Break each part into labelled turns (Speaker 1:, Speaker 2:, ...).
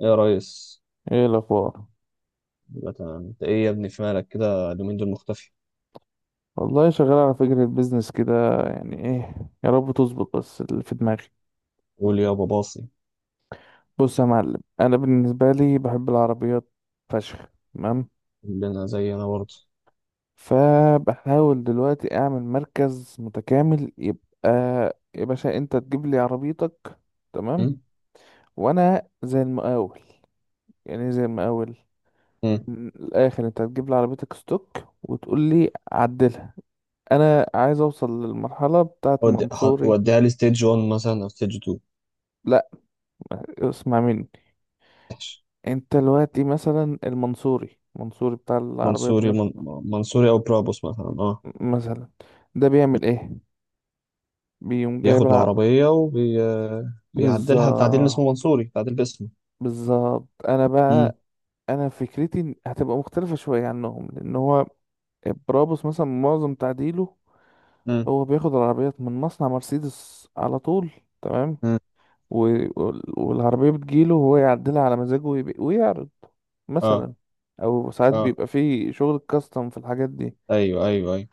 Speaker 1: ايه يا ريس،
Speaker 2: ايه الاخبار؟
Speaker 1: يبقى تمام. انت ايه يا ابني؟ في مالك كده اليومين دول مختفي.
Speaker 2: والله شغال على فكرة بيزنس كده. يعني ايه، يا رب تظبط بس اللي في دماغي.
Speaker 1: قول يا ابو باصي.
Speaker 2: بص يا معلم، انا بالنسبة لي بحب العربيات فشخ. تمام،
Speaker 1: اللي انا زي انا برضه.
Speaker 2: فبحاول دلوقتي اعمل مركز متكامل، يبقى يا باشا انت تجيب لي عربيتك، تمام،
Speaker 1: أمم؟
Speaker 2: وانا زي المقاول. يعني إيه زي المقاول؟
Speaker 1: أمم.
Speaker 2: من الاخر انت هتجيب لي عربيتك ستوك وتقول لي عدلها. انا عايز اوصل للمرحلة بتاعت منصوري.
Speaker 1: وديها لي ستيج 1 مثلا او ستيج 2.
Speaker 2: لا، اسمع مني.
Speaker 1: ماشي.
Speaker 2: انت دلوقتي مثلا المنصوري بتاع العربيات
Speaker 1: منصوري من...
Speaker 2: مثلا.
Speaker 1: منصوري او برابوس مثلا، اه.
Speaker 2: مثلا ده بيعمل ايه؟ بيقوم جايب
Speaker 1: بياخد
Speaker 2: العربية.
Speaker 1: العربية بيعدلها بتعديل
Speaker 2: بالظبط،
Speaker 1: اسمه منصوري، تعديل باسمه.
Speaker 2: بالظبط. انا
Speaker 1: أمم.
Speaker 2: بقى، انا فكرتي هتبقى مختلفة شوية عنهم، لان هو برابوس مثلا معظم تعديله
Speaker 1: أمم.
Speaker 2: هو بياخد العربيات من مصنع مرسيدس على طول. تمام،
Speaker 1: أمم.
Speaker 2: و... والعربية بتجيله وهو يعدلها على مزاجه ويعرض
Speaker 1: اه
Speaker 2: مثلا، او ساعات
Speaker 1: اه،
Speaker 2: بيبقى فيه شغل كاستم في الحاجات دي.
Speaker 1: ايوه ايوه ايوه.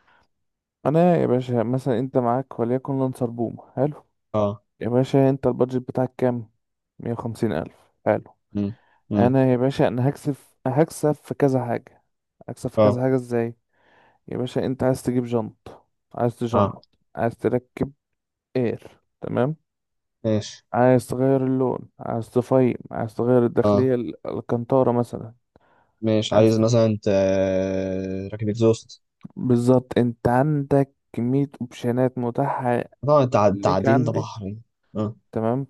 Speaker 2: انا يا باشا، مثلا انت معاك وليكن لانسر بوم حلو،
Speaker 1: اه.
Speaker 2: يا باشا انت البادجت بتاعك كام؟ مية وخمسين الف. حلو.
Speaker 1: أمم. أمم.
Speaker 2: انا يا باشا انا هكسب، هكسب في كذا حاجة. هكسب في كذا
Speaker 1: اه
Speaker 2: حاجة ازاي؟ يا باشا انت عايز تجيب جنط، عايز
Speaker 1: اه،
Speaker 2: تجنط، عايز تركب اير، تمام،
Speaker 1: ماشي.
Speaker 2: عايز تغير اللون، عايز تفايم، عايز تغير
Speaker 1: اه،
Speaker 2: الداخلية الكنتارة مثلا.
Speaker 1: ماشي.
Speaker 2: عايز
Speaker 1: عايز
Speaker 2: ت-
Speaker 1: مثلا انت راكب اكزوست.
Speaker 2: بالظبط، انت عندك كمية اوبشنات متاحة.
Speaker 1: طبعا
Speaker 2: ليك
Speaker 1: التعديل ده
Speaker 2: عندي.
Speaker 1: بحر يعني. اه
Speaker 2: تمام.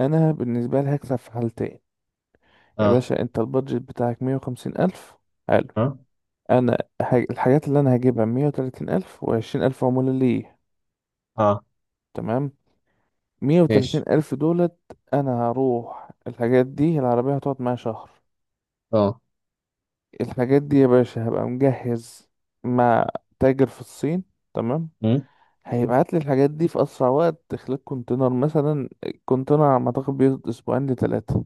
Speaker 2: انا بالنسبه لي هكسب في حالتين. يا
Speaker 1: اه
Speaker 2: باشا انت البادجت بتاعك مية وخمسين ألف. حلو.
Speaker 1: اه
Speaker 2: الحاجات اللي انا هجيبها مية وتلاتين ألف، وعشرين ألف عمولة ليه.
Speaker 1: اه،
Speaker 2: تمام. مية وتلاتين
Speaker 1: ماشي.
Speaker 2: ألف دولت. انا هروح الحاجات دي، العربية هتقعد معايا شهر.
Speaker 1: اه.
Speaker 2: الحاجات دي يا باشا هبقى مجهز مع تاجر في الصين، تمام،
Speaker 1: امم.
Speaker 2: هيبعت لي الحاجات دي في اسرع وقت خلال كونتينر. مثلا الكونتينر على ما اعتقد بياخد اسبوعين لتلاتة،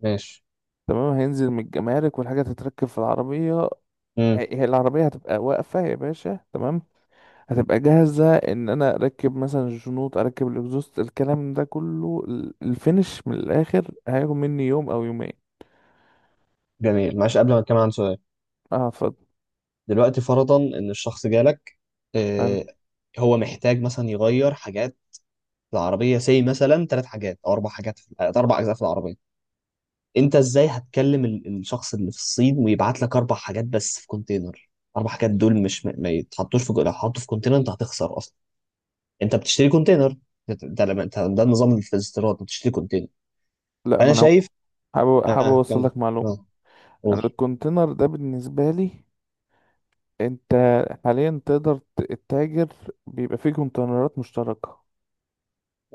Speaker 1: ماشي.
Speaker 2: تمام، هينزل من الجمارك والحاجة تتركب في العربية.
Speaker 1: امم.
Speaker 2: هي العربية هتبقى واقفة يا باشا، تمام، هتبقى جاهزة ان انا اركب مثلا الشنوط، اركب الاكزوست، الكلام ده كله الفينش من الاخر هياخد مني يوم او يومين.
Speaker 1: جميل. معلش، قبل ما اتكلم عن سؤال:
Speaker 2: اه، اتفضل.
Speaker 1: دلوقتي فرضا ان الشخص جالك،
Speaker 2: حلو.
Speaker 1: آه، هو محتاج مثلا يغير حاجات في العربيه، سي مثلا ثلاث حاجات او اربع حاجات في اربع اجزاء في العربيه. انت ازاي هتكلم الشخص اللي في الصين ويبعت لك اربع حاجات بس في كونتينر؟ اربع حاجات دول مش ما يتحطوش في، لو حطوا في كونتينر انت هتخسر اصلا. انت بتشتري كونتينر. ده النظام اللي في الاستيراد، بتشتري كونتينر.
Speaker 2: لا، ما
Speaker 1: انا
Speaker 2: انا
Speaker 1: شايف.
Speaker 2: حابب
Speaker 1: اه،
Speaker 2: اوصل
Speaker 1: كمل.
Speaker 2: لك معلومة.
Speaker 1: اه،
Speaker 2: انا
Speaker 1: قول.
Speaker 2: الكونتينر ده بالنسبة لي، انت حاليا تقدر تتاجر. بيبقى فيه كونتينرات مشتركة.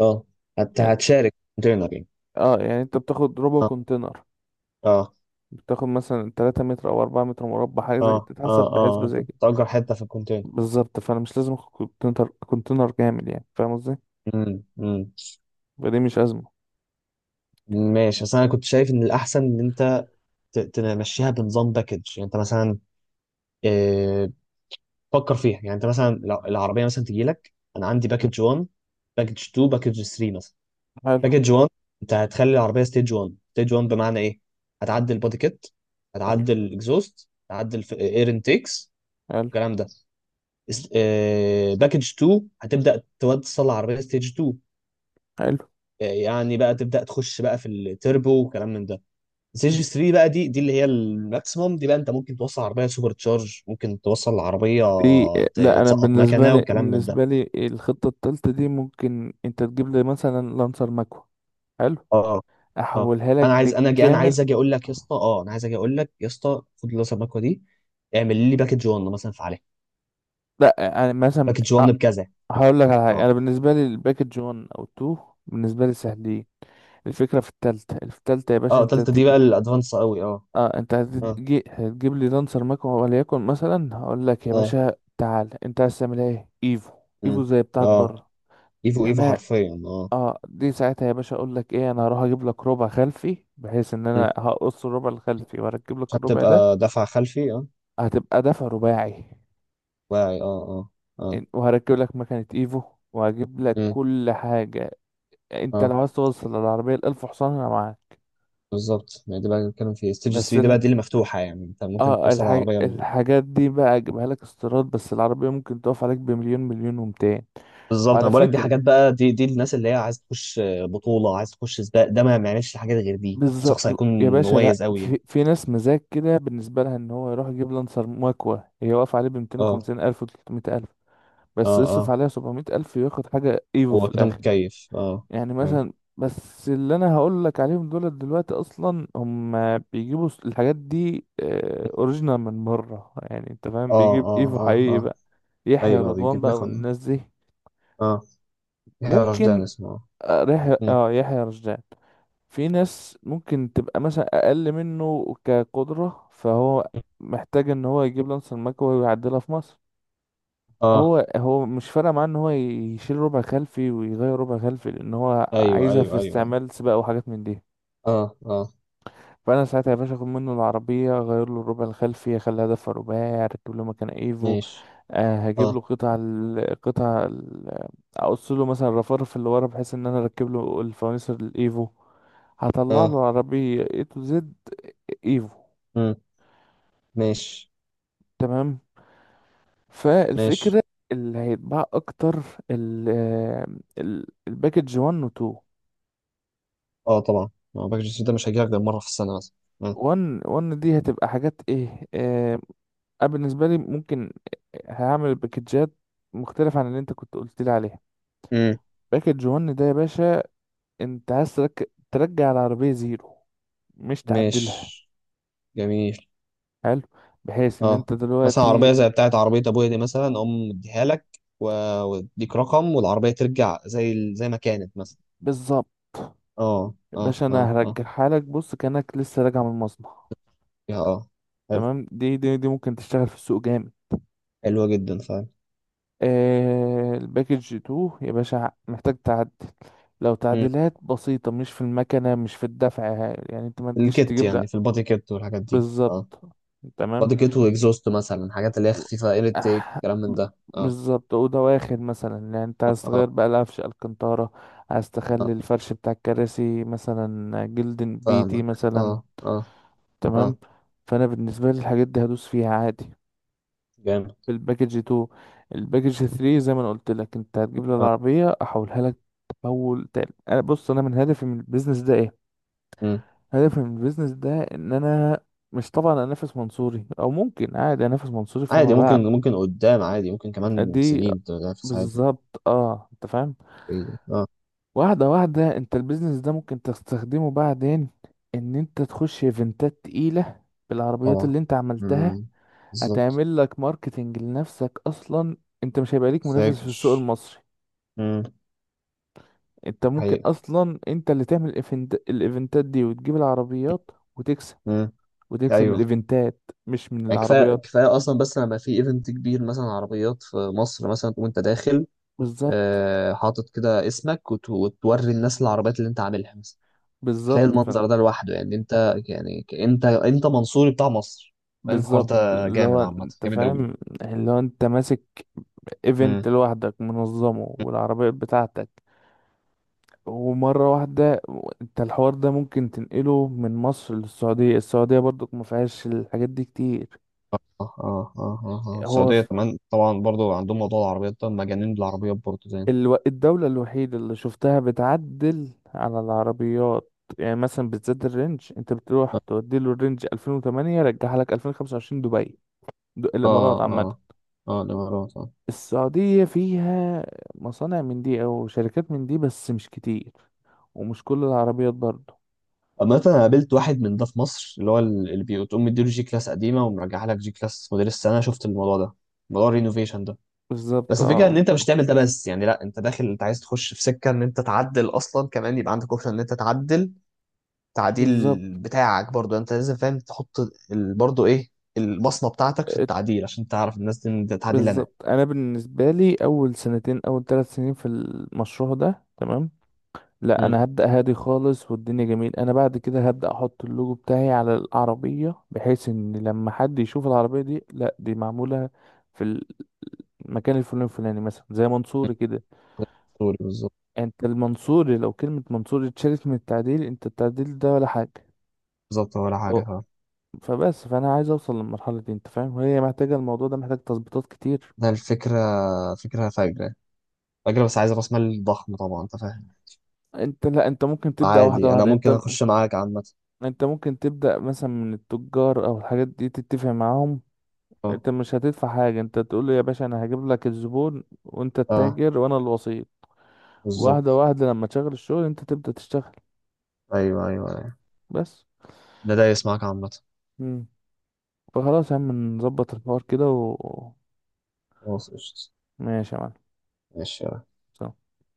Speaker 1: اه.
Speaker 2: يعني،
Speaker 1: هتشارك كونتينر يعني.
Speaker 2: اه، يعني انت بتاخد ربع
Speaker 1: اه
Speaker 2: كونتينر.
Speaker 1: اه
Speaker 2: بتاخد مثلا 3 متر او 4 متر مربع، حاجة زي كده،
Speaker 1: اه
Speaker 2: بتتحسب
Speaker 1: اه
Speaker 2: بحسبة
Speaker 1: اه،
Speaker 2: زي كده.
Speaker 1: تأجر حته في الكونتينر.
Speaker 2: بالظبط، فانا مش لازم اخد كونتينر كامل، يعني فاهم قصدي.
Speaker 1: امم. امم.
Speaker 2: فدي مش أزمة.
Speaker 1: ماشي، بس انا كنت شايف ان الاحسن ان انت تمشيها بنظام باكج. يعني انت مثلا، آه، فكر فيها. يعني انت مثلا لو العربيه مثلا تجي لك، انا عندي
Speaker 2: مم.
Speaker 1: باكج 1، باكج 2، باكج 3 مثلا.
Speaker 2: حلو
Speaker 1: باكج 1 انت هتخلي العربيه ستيج 1. ستيج 1 بمعنى ايه؟ هتعدل البودي كيت،
Speaker 2: حلو
Speaker 1: هتعدل الاكزوست، هتعدل اير انتيكس،
Speaker 2: حلو
Speaker 1: الكلام ده. باكج 2 هتبدا توصل العربيه ستيج 2.
Speaker 2: حلو
Speaker 1: آه، يعني بقى تبدا تخش بقى في التربو وكلام من ده. ستيج 3 بقى، دي اللي هي الماكسيموم دي بقى، انت ممكن توصل عربيه سوبر تشارج، ممكن توصل العربيه
Speaker 2: دي. لا، أنا
Speaker 1: تسقط
Speaker 2: بالنسبة
Speaker 1: مكنه
Speaker 2: لي
Speaker 1: وكلام من ده.
Speaker 2: بالنسبة لي الخطة التالتة دي ممكن أنت تجيب لي مثلا لانسر ماكو. حلو،
Speaker 1: اه. اه.
Speaker 2: أحولها لك
Speaker 1: انا عايز، انا جي انا
Speaker 2: بالكامل.
Speaker 1: عايز اجي اقول لك يا اسطى اه انا عايز اجي اقول لك يا اسطى: خد اللي المكوه دي، اعمل لي باكج 1 مثلا، في عليها
Speaker 2: لا، أنا مثلا،
Speaker 1: باكج
Speaker 2: أ-
Speaker 1: 1 بكذا.
Speaker 2: هقول لك على حاجة.
Speaker 1: اه
Speaker 2: أنا بالنسبة لي الباكج 1 أو 2 بالنسبة لي سهلين. الفكرة في التالتة، في التالتة يا باشا
Speaker 1: اه،
Speaker 2: انت
Speaker 1: تالتة
Speaker 2: هتي...
Speaker 1: دي بقى الادفانس قوي، اه.
Speaker 2: اه انت
Speaker 1: اه
Speaker 2: هتجيب لي لانسر ماكو وليكن، مثلا هقول لك يا
Speaker 1: اه.
Speaker 2: باشا تعال، انت عايز تعمل ايه؟ ايفو. ايفو
Speaker 1: مم.
Speaker 2: زي بتاعت
Speaker 1: اه،
Speaker 2: بره.
Speaker 1: ايفو ايفو
Speaker 2: تمام.
Speaker 1: حرفيا، اه.
Speaker 2: اه، دي ساعتها يا باشا اقول لك ايه، انا هروح اجيب لك ربع خلفي، بحيث ان
Speaker 1: مم.
Speaker 2: انا هقص الربع الخلفي واركب لك
Speaker 1: عشان
Speaker 2: الربع ده.
Speaker 1: تبقى دفع خلفي، اه.
Speaker 2: هتبقى دفع رباعي.
Speaker 1: واعي، اه اه اه.
Speaker 2: وهركب لك مكنة ايفو، وهجيب لك
Speaker 1: مم.
Speaker 2: كل حاجة. انت
Speaker 1: اه،
Speaker 2: لو عايز توصل للعربية الالف حصان، انا معاك.
Speaker 1: بالظبط. ما دي بقى بنتكلم في ستيج
Speaker 2: بس
Speaker 1: 3. دي
Speaker 2: ال...
Speaker 1: بقى دي اللي مفتوحه، يعني انت ممكن
Speaker 2: اه
Speaker 1: توصل
Speaker 2: الحاج...
Speaker 1: العربيه ل...
Speaker 2: الحاجات دي بقى اجيبها لك استيراد، بس العربية ممكن تقف عليك بمليون، مليون ومتين.
Speaker 1: بالظبط،
Speaker 2: وعلى
Speaker 1: انا بقول لك دي
Speaker 2: فكرة،
Speaker 1: حاجات بقى. دي الناس اللي هي عايز تخش بطوله، عايز تخش سباق، ده ما معناش حاجات غير دي،
Speaker 2: بالظبط.
Speaker 1: الشخص هيكون
Speaker 2: يا باشا، لا،
Speaker 1: مميز قوي يعني.
Speaker 2: في ناس مزاج كده، بالنسبة لها ان هو يروح يجيب لانسر مكوة هي واقف عليه ب
Speaker 1: اه
Speaker 2: 250 ألف و 300 ألف، بس
Speaker 1: اه
Speaker 2: يصرف
Speaker 1: اه،
Speaker 2: عليها 700 ألف وياخد حاجة ايفو في
Speaker 1: هو كده
Speaker 2: الآخر.
Speaker 1: متكيف، اه.
Speaker 2: يعني
Speaker 1: اه
Speaker 2: مثلا، بس اللي انا هقول لك عليهم دول دلوقتي اصلا هم بيجيبوا الحاجات دي اوريجينال من بره، يعني انت فاهم،
Speaker 1: اه
Speaker 2: بيجيب
Speaker 1: اه
Speaker 2: ايفو
Speaker 1: اه
Speaker 2: حقيقي
Speaker 1: اه.
Speaker 2: بقى. يحيى
Speaker 1: ايوه
Speaker 2: رضوان
Speaker 1: بيجيب،
Speaker 2: بقى
Speaker 1: بياخد،
Speaker 2: والناس دي.
Speaker 1: اه. يحيى رشدان
Speaker 2: ممكن،
Speaker 1: اسمه، اه. مم.
Speaker 2: يحيى رشدان. في ناس ممكن تبقى مثلا اقل منه كقدرة، فهو محتاج ان هو يجيب لانس المكوى ويعدلها في مصر.
Speaker 1: اه،
Speaker 2: هو مش فارق معاه ان هو يشيل ربع خلفي ويغير ربع خلفي، لان هو
Speaker 1: ايوه
Speaker 2: عايزها في
Speaker 1: ايوه ايوه، أيوة.
Speaker 2: استعمال سباق وحاجات من دي.
Speaker 1: اه اه،
Speaker 2: فانا ساعتها يا باشا اخد منه العربيه، اغير له الربع الخلفي، اخليها دفع رباعي، اركب له مكان ايفو.
Speaker 1: ماشي.
Speaker 2: أه، هجيب له
Speaker 1: اه
Speaker 2: اقص له مثلا الرفرف اللي ورا، بحيث ان انا اركب له الفوانيس الايفو. هطلع له
Speaker 1: اه.
Speaker 2: عربية اي تو زد ايفو.
Speaker 1: امم. ماشي.
Speaker 2: تمام.
Speaker 1: ماشي.
Speaker 2: فالفكرة اللي هيتباع اكتر ال آه، الباكج 1 و 2.
Speaker 1: اه طبعا، ما باكج الصيف ده مش هيجيلك غير مره في السنه مثلا. آه.
Speaker 2: 1 دي هتبقى حاجات ايه، انا بالنسبة لي ممكن هعمل باكجات مختلفة عن اللي انت كنت قلت لي عليها.
Speaker 1: امم.
Speaker 2: باكج 1 ده يا باشا، انت ترجع العربية زيرو، مش تعدلها.
Speaker 1: ماشي. جميل.
Speaker 2: حلو، بحيث ان
Speaker 1: اه،
Speaker 2: انت
Speaker 1: مثلا عربيه
Speaker 2: دلوقتي
Speaker 1: زي بتاعت عربيه ابويا دي مثلا اقوم مديها لك و- واديك رقم، والعربيه ترجع زي زي ما كانت مثلا.
Speaker 2: بالظبط.
Speaker 1: اه
Speaker 2: يا
Speaker 1: اه
Speaker 2: باشا،
Speaker 1: اه
Speaker 2: انا
Speaker 1: اه.
Speaker 2: هرجعها لك بص كأنك لسه راجع من المصنع.
Speaker 1: يا اه، حلو.
Speaker 2: تمام، دي ممكن تشتغل في السوق جامد.
Speaker 1: حلوه جدا فعلا.
Speaker 2: آه، الباكج 2 يا باشا محتاج تعدل، لو
Speaker 1: امم.
Speaker 2: تعديلات بسيطة مش في المكنة، مش في الدفع، يعني انت ما تجيش
Speaker 1: الكت
Speaker 2: تجيب،
Speaker 1: يعني،
Speaker 2: لا.
Speaker 1: في البادي كت والحاجات دي، اه.
Speaker 2: بالظبط، تمام.
Speaker 1: بادي كت واكزوست مثلا، حاجات اللي هي خفيفه، اير تيك،
Speaker 2: آه،
Speaker 1: الكلام
Speaker 2: ب-
Speaker 1: من ده، اه.
Speaker 2: بالظبط، أوضة واخد مثلا، يعني انت
Speaker 1: اه
Speaker 2: عايز
Speaker 1: اه،
Speaker 2: تغير بقى القفش الكنتارة، عايز
Speaker 1: آه.
Speaker 2: تخلي الفرش بتاع الكراسي مثلا جلد بيتي
Speaker 1: فاهمك،
Speaker 2: مثلا.
Speaker 1: اه اه.
Speaker 2: تمام.
Speaker 1: اه.
Speaker 2: فأنا بالنسبة لي الحاجات دي هدوس فيها عادي
Speaker 1: جامد،
Speaker 2: في الباكج 2. الباكج 3 زي ما انا قلت لك، انت هتجيب لي
Speaker 1: اه.
Speaker 2: العربيه احولها لك تحول تاني. انا بص، انا من هدفي من البيزنس ده ايه؟
Speaker 1: مم.
Speaker 2: هدفي من البيزنس ده ان انا مش طبعا انافس منصوري، او ممكن عادي انافس منصوري
Speaker 1: عادي،
Speaker 2: فيما بعد
Speaker 1: ممكن، ممكن قدام عادي، ممكن كمان
Speaker 2: دي.
Speaker 1: سنين تنافس عادي.
Speaker 2: بالظبط، اه، انت فاهم.
Speaker 1: إيه. اه.
Speaker 2: واحده واحده، انت البيزنس ده ممكن تستخدمه بعدين، ان انت تخش ايفنتات تقيله بالعربيات
Speaker 1: طبعا.
Speaker 2: اللي انت عملتها.
Speaker 1: مم. بالظبط.
Speaker 2: هتعمل لك ماركتنج لنفسك اصلا، انت مش هيبقى ليك منافس في
Speaker 1: فاكر.
Speaker 2: السوق المصري.
Speaker 1: مم.
Speaker 2: انت ممكن
Speaker 1: حقيقة.
Speaker 2: اصلا انت اللي تعمل الايفنت، الايفنتات دي، وتجيب العربيات وتكسب،
Speaker 1: مم.
Speaker 2: وتكسب من
Speaker 1: ايوه.
Speaker 2: الايفنتات مش من
Speaker 1: يعني كفايه
Speaker 2: العربيات.
Speaker 1: كفايه اصلا، بس لما في ايفنت كبير مثلا، عربيات في مصر مثلا، تقوم انت داخل،
Speaker 2: بالظبط،
Speaker 1: آه، حاطط كده اسمك وتوري الناس العربيات اللي انت عاملها مثلا. كفايه
Speaker 2: بالظبط، فانت
Speaker 1: المنظر ده لوحده، يعني انت يعني، انت منصوري بتاع مصر. يعني الحوار
Speaker 2: بالظبط،
Speaker 1: ده
Speaker 2: اللي
Speaker 1: جامد
Speaker 2: هو
Speaker 1: عامه،
Speaker 2: انت
Speaker 1: جامد
Speaker 2: فاهم، اللي هو انت ماسك
Speaker 1: قوي.
Speaker 2: ايفنت لوحدك منظمه والعربيات بتاعتك، ومرة واحدة. انت الحوار ده ممكن تنقله من مصر للسعودية، السعودية برضو ما فيهاش الحاجات دي كتير.
Speaker 1: اه اه اه اه،
Speaker 2: هو
Speaker 1: السعودية كمان طبعا، برضو عندهم موضوع العربيات ده، مجانين بالعربيات برضو زي.
Speaker 2: الدولة الوحيدة اللي شفتها بتعدل على العربيات. يعني مثلا بالذات الرينج، انت بتروح
Speaker 1: اه
Speaker 2: تودي له الرينج 2008 رجعها لك 2025 دبي. الامارات عامة.
Speaker 1: اه اه، الامارات، اه.
Speaker 2: السعودية فيها مصانع من دي او شركات من دي، بس مش كتير، ومش كل العربيات برضه.
Speaker 1: اما انا قابلت واحد من ده في مصر، اللي هو اللي بتقوم مديله جي كلاس قديمه ومرجعها لك جي كلاس موديل السنه، شفت الموضوع ده، موضوع الرينوفيشن ده.
Speaker 2: بالظبط،
Speaker 1: بس الفكره ان
Speaker 2: اه،
Speaker 1: انت مش تعمل ده بس، يعني لا انت داخل، انت عايز تخش في سكه ان انت تعدل اصلا، كمان يبقى عندك اوبشن ان انت تعدل تعديل
Speaker 2: بالظبط.
Speaker 1: بتاعك برضو. يعني انت لازم فاهم تحط برضو ايه، البصمه بتاعتك في
Speaker 2: ات-
Speaker 1: التعديل، عشان تعرف الناس دي إن ده تعديل انا.
Speaker 2: بالظبط، انا بالنسبة لي اول سنتين، اول ثلاث سنين في المشروع ده تمام، لا
Speaker 1: مم.
Speaker 2: انا هبدأ هادي خالص. والدنيا جميل، انا بعد كده هبدأ احط اللوجو بتاعي على العربية، بحيث ان لما حد يشوف العربية دي، لا دي معمولة في المكان الفلاني الفلاني مثلا، زي منصوري كده.
Speaker 1: سوري، بالظبط.
Speaker 2: انت المنصوري لو كلمة منصوري اتشالت من التعديل، انت التعديل ده ولا حاجة.
Speaker 1: بالظبط، ولا حاجة،
Speaker 2: اهو.
Speaker 1: فاهم.
Speaker 2: فبس، فانا عايز اوصل للمرحلة دي انت فاهم، وهي محتاجة، الموضوع ده محتاج تظبيطات كتير.
Speaker 1: ده الفكرة، فكرة فجرة. فجرة، بس عايز راس مال ضخم طبعا، انت فاهم.
Speaker 2: انت لا انت ممكن تبدأ واحدة
Speaker 1: عادي، انا
Speaker 2: واحدة.
Speaker 1: ممكن
Speaker 2: انت
Speaker 1: اخش معاك عامة.
Speaker 2: انت ممكن تبدأ مثلا من التجار او الحاجات دي تتفق معاهم،
Speaker 1: اه
Speaker 2: انت مش هتدفع حاجة. انت تقول له يا باشا انا هجيب لك الزبون، وانت
Speaker 1: اه،
Speaker 2: التاجر وانا الوسيط. واحدة
Speaker 1: بالظبط.
Speaker 2: واحدة لما تشغل الشغل انت تبدأ تشتغل.
Speaker 1: ايوه ايوه ايوه.
Speaker 2: بس.
Speaker 1: ده دايس معاك عامة.
Speaker 2: مم. فخلاص يا عم نظبط الحوار كده و...
Speaker 1: خلاص قشطة.
Speaker 2: ماشي يا
Speaker 1: ماشي.
Speaker 2: معلم.